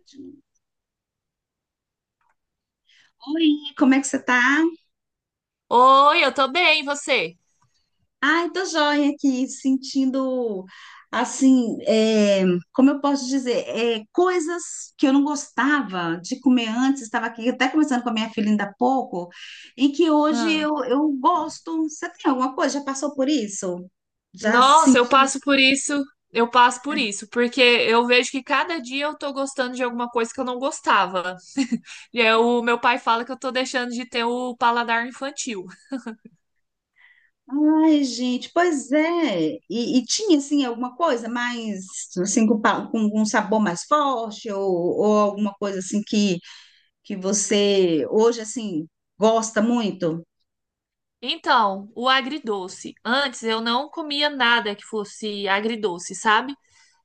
Ótimo. Oi, como é que você tá? Oi, eu tô bem, e você? Ai, tô joia aqui, sentindo, assim, como eu posso dizer, coisas que eu não gostava de comer antes, estava aqui até conversando com a minha filha ainda há pouco, e que hoje Ah. eu gosto. Você tem alguma coisa? Já passou por isso? Já Nossa, eu senti? passo por isso, eu passo por isso, porque eu vejo que cada dia eu tô gostando de alguma coisa que eu não gostava. E aí, o meu pai fala que eu tô deixando de ter o paladar infantil. Ai, gente, pois é. E tinha, assim, alguma coisa mais, assim, com um sabor mais forte, ou alguma coisa assim que você hoje assim gosta muito? Então, o agridoce. Antes eu não comia nada que fosse agridoce, sabe?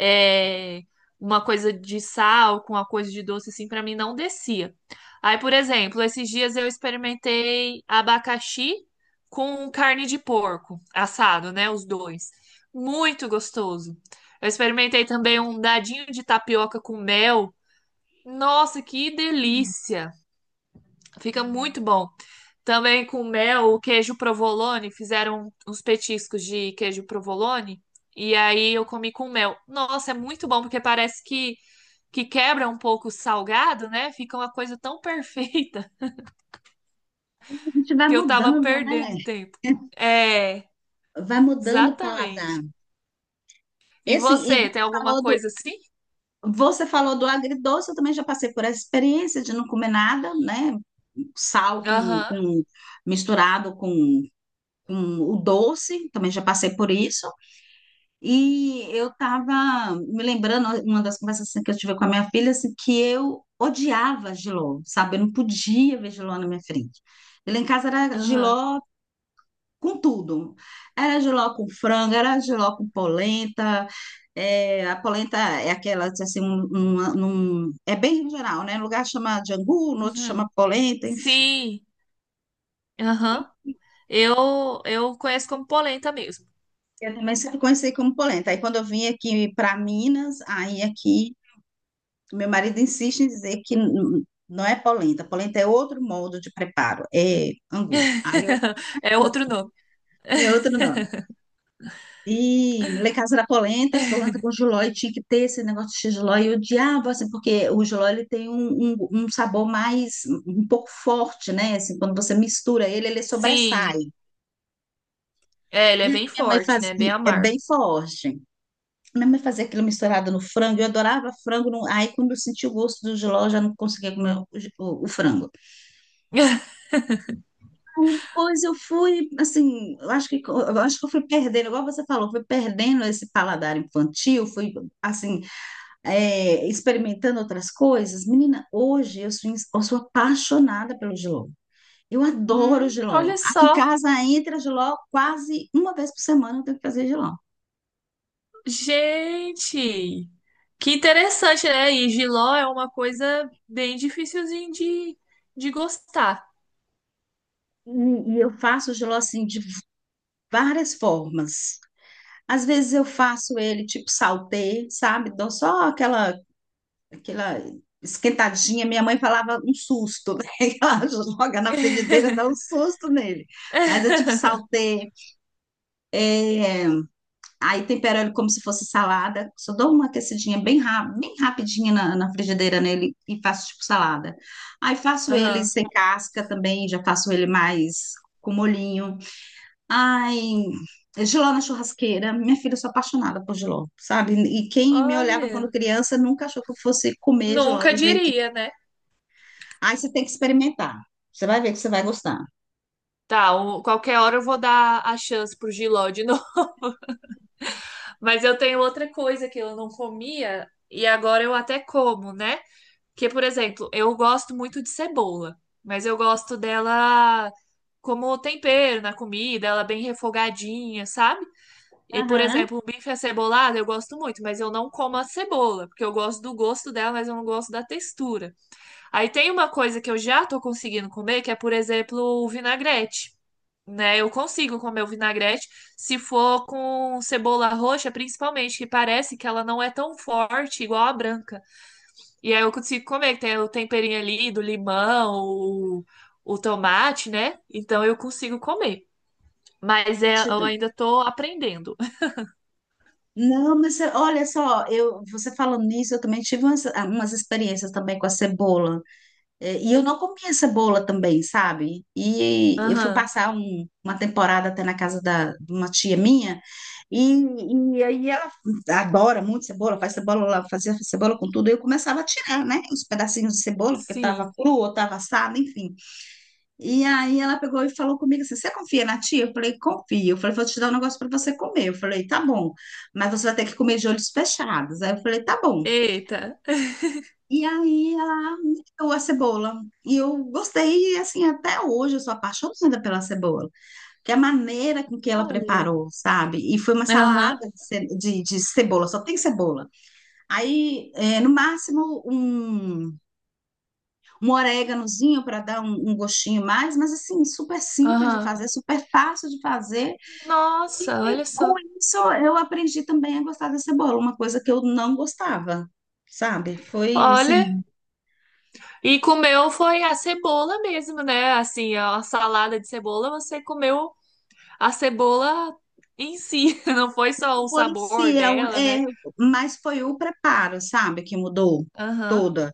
É, uma coisa de sal com uma coisa de doce, assim, pra mim não descia. Aí, por exemplo, esses dias eu experimentei abacaxi com carne de porco, assado, né? Os dois. Muito gostoso. Eu experimentei também um dadinho de tapioca com mel. Nossa, que Hum. delícia! Fica muito bom. Também com mel, o queijo provolone, fizeram uns petiscos de queijo provolone e aí eu comi com mel. Nossa, é muito bom porque parece que quebra um pouco o salgado, né? Fica uma coisa tão perfeita A gente vai que eu tava mudando, perdendo né? tempo. É, Vai mudando o paladar. exatamente. E E assim, você, tem alguma coisa assim? você falou do agridoce, eu também já passei por essa experiência de não comer nada, né? Sal com, Aham, com- misturado com o doce, também já passei por isso. E eu estava me lembrando, uma das conversas assim, que eu tive com a minha filha, assim, que eu odiava Giló, sabe? Eu não podia ver Giló na minha frente. E lá em casa era aham, Giló com tudo. Era Giló com frango, era Giló com polenta. É, a polenta é aquela, assim, é bem geral, né? Um lugar chama de angu, no outro uhum. chama polenta, enfim. Sim, aham. Eu conheço como polenta mesmo. Eu também sempre conheci como polenta. Aí quando eu vim aqui para Minas, aí aqui meu marido insiste em dizer que não é polenta. Polenta é outro modo de preparo, é angu. Aí eu, É outro nome. é outro nome. E lá em casa era polenta, polenta com jiló, e tinha que ter esse negócio de jiló. E eu odiava, assim, porque o jiló ele tem um sabor mais, um pouco forte, né? Assim, quando você mistura ele, ele sobressai. Sim, é, ele é E aí bem minha mãe forte, né? Bem fazia, é amargo. bem forte. Minha mãe fazia aquilo misturado no frango, eu adorava frango. Aí quando eu senti o gosto do jiló, eu já não conseguia comer o frango. Aí depois eu fui, assim, eu acho que eu fui perdendo, igual você falou, fui perdendo esse paladar infantil, fui, assim, experimentando outras coisas. Menina, hoje eu sou apaixonada pelo jiló. Eu Hum, adoro jiló. Olha Aqui em só, casa entra jiló quase uma vez por semana, eu tenho que fazer jiló. gente, que interessante, né? E jiló é uma coisa bem dificilzinha de gostar. E, e eu faço o jiló, assim, de várias formas. Às vezes eu faço ele tipo saltê, sabe? Dou só aquela esquentadinha, minha mãe falava um susto, né? Ela joga na frigideira, dá um susto nele. Mas eu tipo saltei, é, aí tempero ele como se fosse salada, só dou uma aquecidinha bem, bem rapidinha na frigideira nele e faço tipo salada. Aí faço ele Aham. sem casca também, já faço ele mais com molhinho. Ai, jiló na churrasqueira, minha filha, eu sou apaixonada por jiló, sabe? E quem me olhava quando Olha, criança nunca achou que eu fosse comer jiló nunca do jeito. diria, né? Aí você tem que experimentar. Você vai ver que você vai gostar. Tá, o- qualquer hora eu vou dar a chance pro giló de novo. Mas eu tenho outra coisa que eu não comia e agora eu até como, né? Porque, por exemplo, eu gosto muito de cebola, mas eu gosto dela como tempero na comida, ela bem refogadinha, sabe? E, por Aham. exemplo, um bife acebolado eu gosto muito, mas eu não como a cebola, porque eu gosto do gosto dela, mas eu não gosto da textura. Aí tem uma coisa que eu já tô conseguindo comer, que é, por exemplo, o vinagrete. Né, eu consigo comer o vinagrete se for com cebola roxa, principalmente, que parece que ela não é tão forte igual a branca. E aí eu consigo comer, que tem o temperinho ali do limão, o tomate, né? Então eu consigo comer. Mas é, Deixa eu eu. ainda tô aprendendo. Não, mas olha só, eu, você falando nisso, eu também tive umas, ah, umas experiências também com a cebola. É, e eu não comia cebola também, sabe? E eu fui Aham, passar uma temporada até na casa da, de uma tia minha, e, e aí ela adora muito cebola, faz cebola lá, fazia cebola com tudo, e eu começava a tirar, né? Os pedacinhos de cebola, porque sim. tava cru ou tava assado, enfim. E aí ela pegou e falou comigo assim: Você confia na tia? Eu falei: Confio. Eu falei: Vou te dar um negócio para você comer. Eu falei: Tá bom, mas você vai ter que comer de olhos fechados. Aí eu falei: Tá bom. Eita. E aí ela me deu a cebola. E eu gostei, e assim, até hoje eu sou apaixonada pela cebola, que é a maneira com que ela Olha. preparou, sabe? E foi uma Aham, salada de, de cebola, só tem cebola. Aí, no máximo, um um oréganozinho para dar gostinho mais, mas assim, super simples de aham. fazer, super fácil de fazer. Nossa, E olha com só. isso eu aprendi também a gostar da cebola, uma coisa que eu não gostava, sabe? Foi Olha. assim, E comeu foi a cebola mesmo, né? Assim, a salada de cebola, você comeu a cebola em si. Não foi só o o bolo em sabor si, dela, né? Mas foi o preparo, sabe, que mudou Aham. toda.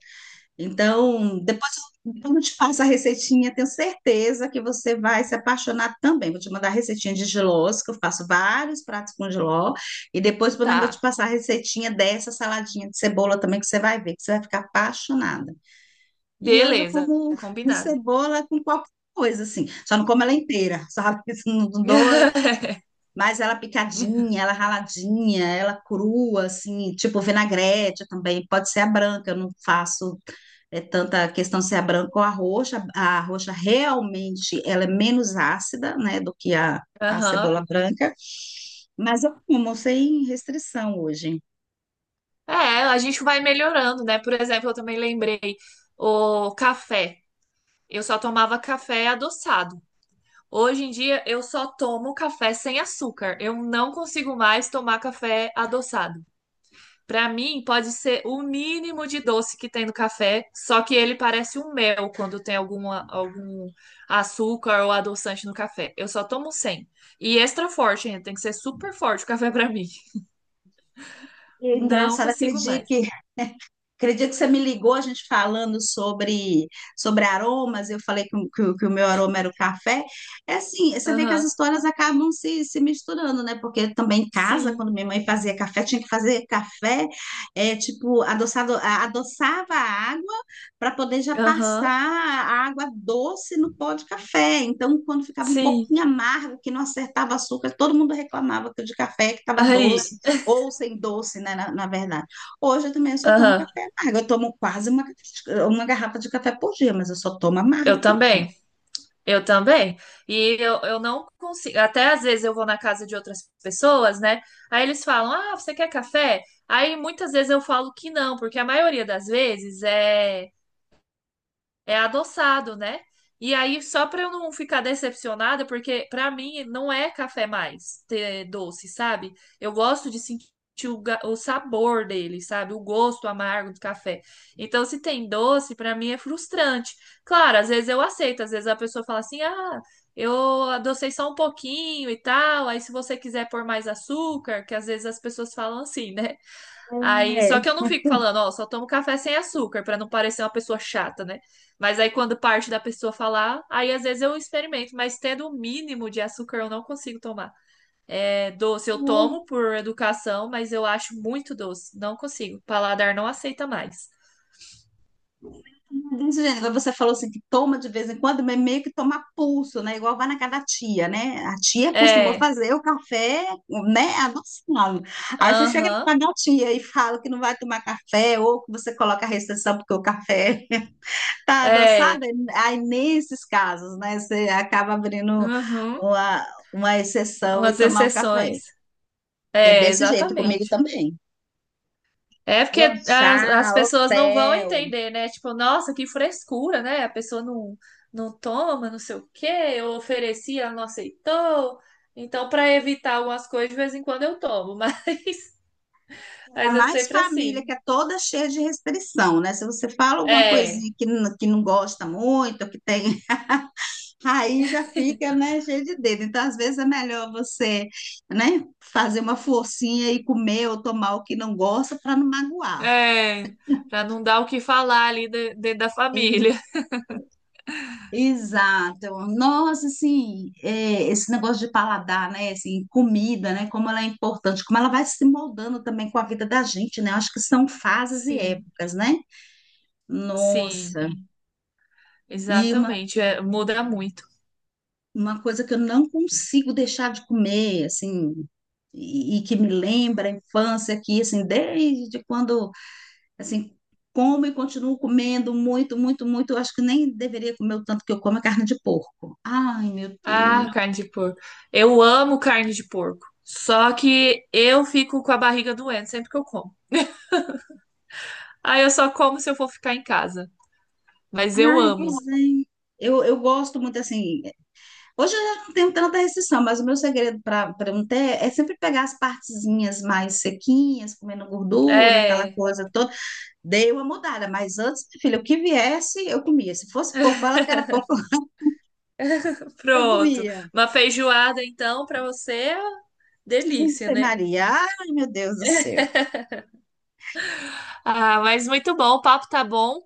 Então, depois eu então eu te passo a receitinha, tenho certeza que você vai se apaixonar também. Vou te mandar a receitinha de jilós, que eu faço vários pratos com jiló, e depois podemos vou te Tá. passar a receitinha dessa saladinha de cebola também, que você vai ver, que você vai ficar apaixonada. E hoje eu Beleza, como combinado. cebola com qualquer coisa, assim, só não como ela inteira, só não dou, mas ela picadinha, ela raladinha, ela crua, assim, tipo vinagrete também, pode ser a branca, eu não faço é tanta a questão se é branca ou a roxa. A roxa realmente ela é menos ácida, né, do que a Aham. cebola branca. Mas eu como sem restrição hoje. É, a gente vai melhorando, né? Por exemplo, eu também lembrei o café. Eu só tomava café adoçado. Hoje em dia eu só tomo café sem açúcar. Eu não consigo mais tomar café adoçado. Pra mim, pode ser o mínimo de doce que tem no café, só que ele parece um mel quando tem algum açúcar ou adoçante no café. Eu só tomo sem. E extra forte, ainda tem que ser super forte o café pra mim. E é Não engraçado aquele consigo dia mais. que acredito que você me ligou, a gente falando sobre aromas, eu falei que, o que o meu aroma era o café. É assim, você vê que as Aham. histórias acabam se misturando, né? Porque também em casa, Sim. quando minha mãe fazia café, tinha que fazer café, é, tipo, adoçado, adoçava a água para poder já passar Aham. a água doce no pó de café. Então, quando ficava um Sim. pouquinho amargo, que não acertava açúcar, todo mundo reclamava que o de café que estava doce, Aí. ou sem doce, né? Na verdade. Hoje eu também só tomo Aham. café amargo. Eu tomo quase uma garrafa de café por dia, mas eu só tomo Eu amargo também. também. Eu também. E eu não consigo. Até às vezes eu vou na casa de outras pessoas, né? Aí eles falam: Ah, você quer café? Aí muitas vezes eu falo que não, porque a maioria das vezes é. É adoçado, né? E aí, só para eu não ficar decepcionada, porque para mim não é café mais ter doce, sabe? Eu gosto de sentir o sabor dele, sabe? O gosto amargo do café. Então, se tem doce, para mim é frustrante. Claro, às vezes eu aceito, às vezes a pessoa fala assim: ah, eu adocei só um pouquinho e tal. Aí, se você quiser pôr mais açúcar, que às vezes as pessoas falam assim, né? Aí, só que eu não fico falando, ó, só tomo café sem açúcar, pra não parecer uma pessoa chata, né? Mas aí quando parte da pessoa falar, aí às vezes eu experimento, mas tendo o mínimo de açúcar eu não consigo tomar. É doce, eu É, tomo por educação, mas eu acho muito doce, não consigo. O paladar não aceita mais. desse jeito. Agora você falou assim que toma de vez em quando, mas meio que toma a pulso, né? Igual vai na casa da tia, né? A tia costumou É, fazer o café, né? A noção. Aí você chega na aham, casa da tia e fala que não vai tomar café, ou que você coloca a restrição porque o café tá é, adoçado. Aí nesses casos, né? Você acaba abrindo uhum, uma, uma exceção e umas tomar o café. exceções. É É, desse jeito comigo exatamente. também. É porque as Lanchar, pessoas não vão hotel, entender, né? Tipo, nossa, que frescura, né? A pessoa não, não toma, não sei o quê, eu ofereci, ela não aceitou. Então, para evitar algumas coisas, de vez em quando eu tomo, mas, ainda mas é mais sempre família que assim. é toda cheia de restrição, né? Se você fala alguma É, coisinha que, que não gosta muito, que tem, aí já fica, né, cheio de dedo. Então, às vezes é melhor você, né, fazer uma forcinha e comer ou tomar o que não gosta para não magoar. é, para não dar o que falar ali dentro da família. Exato. Nossa, assim, é, esse negócio de paladar, né? Assim, comida, né? Como ela é importante, como ela vai se moldando também com a vida da gente, né? Acho que são fases e Sim, épocas, né? sim, Nossa. E exatamente. É, muda muito. uma coisa que eu não consigo deixar de comer, assim, e que me lembra a infância aqui, assim, desde quando, assim, como e continuo comendo muito, muito, muito. Eu acho que nem deveria comer o tanto que eu como a carne de porco. Ai, meu Deus. Ah, carne de porco. Eu amo carne de porco. Só que eu fico com a barriga doendo sempre que eu como. Ah, eu só como se eu for ficar em casa. Mas eu Ai, pois amo. é. Eu gosto muito assim. Hoje eu já não tenho tanta restrição, mas o meu segredo para não ter é sempre pegar as partezinhas mais sequinhas, comendo gordura, aquela É, coisa toda. Dei uma mudada, mas antes, filha, o que viesse, eu comia. Se fosse pouco, fala que era pouco, eu pronto. comia. Uma feijoada, então, pra você, é delícia, Ave né? Maria, ai meu Deus do céu. Ah, mas muito bom. O papo tá bom.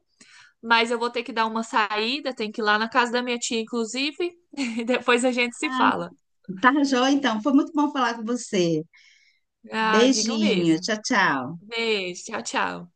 Mas eu vou ter que dar uma saída, tenho que ir lá na casa da minha tia, inclusive, e depois a gente se fala. Tá, joia, então. Foi muito bom falar com você. Ah, digo Beijinho, mesmo. tchau, tchau. Beijo, tchau, tchau.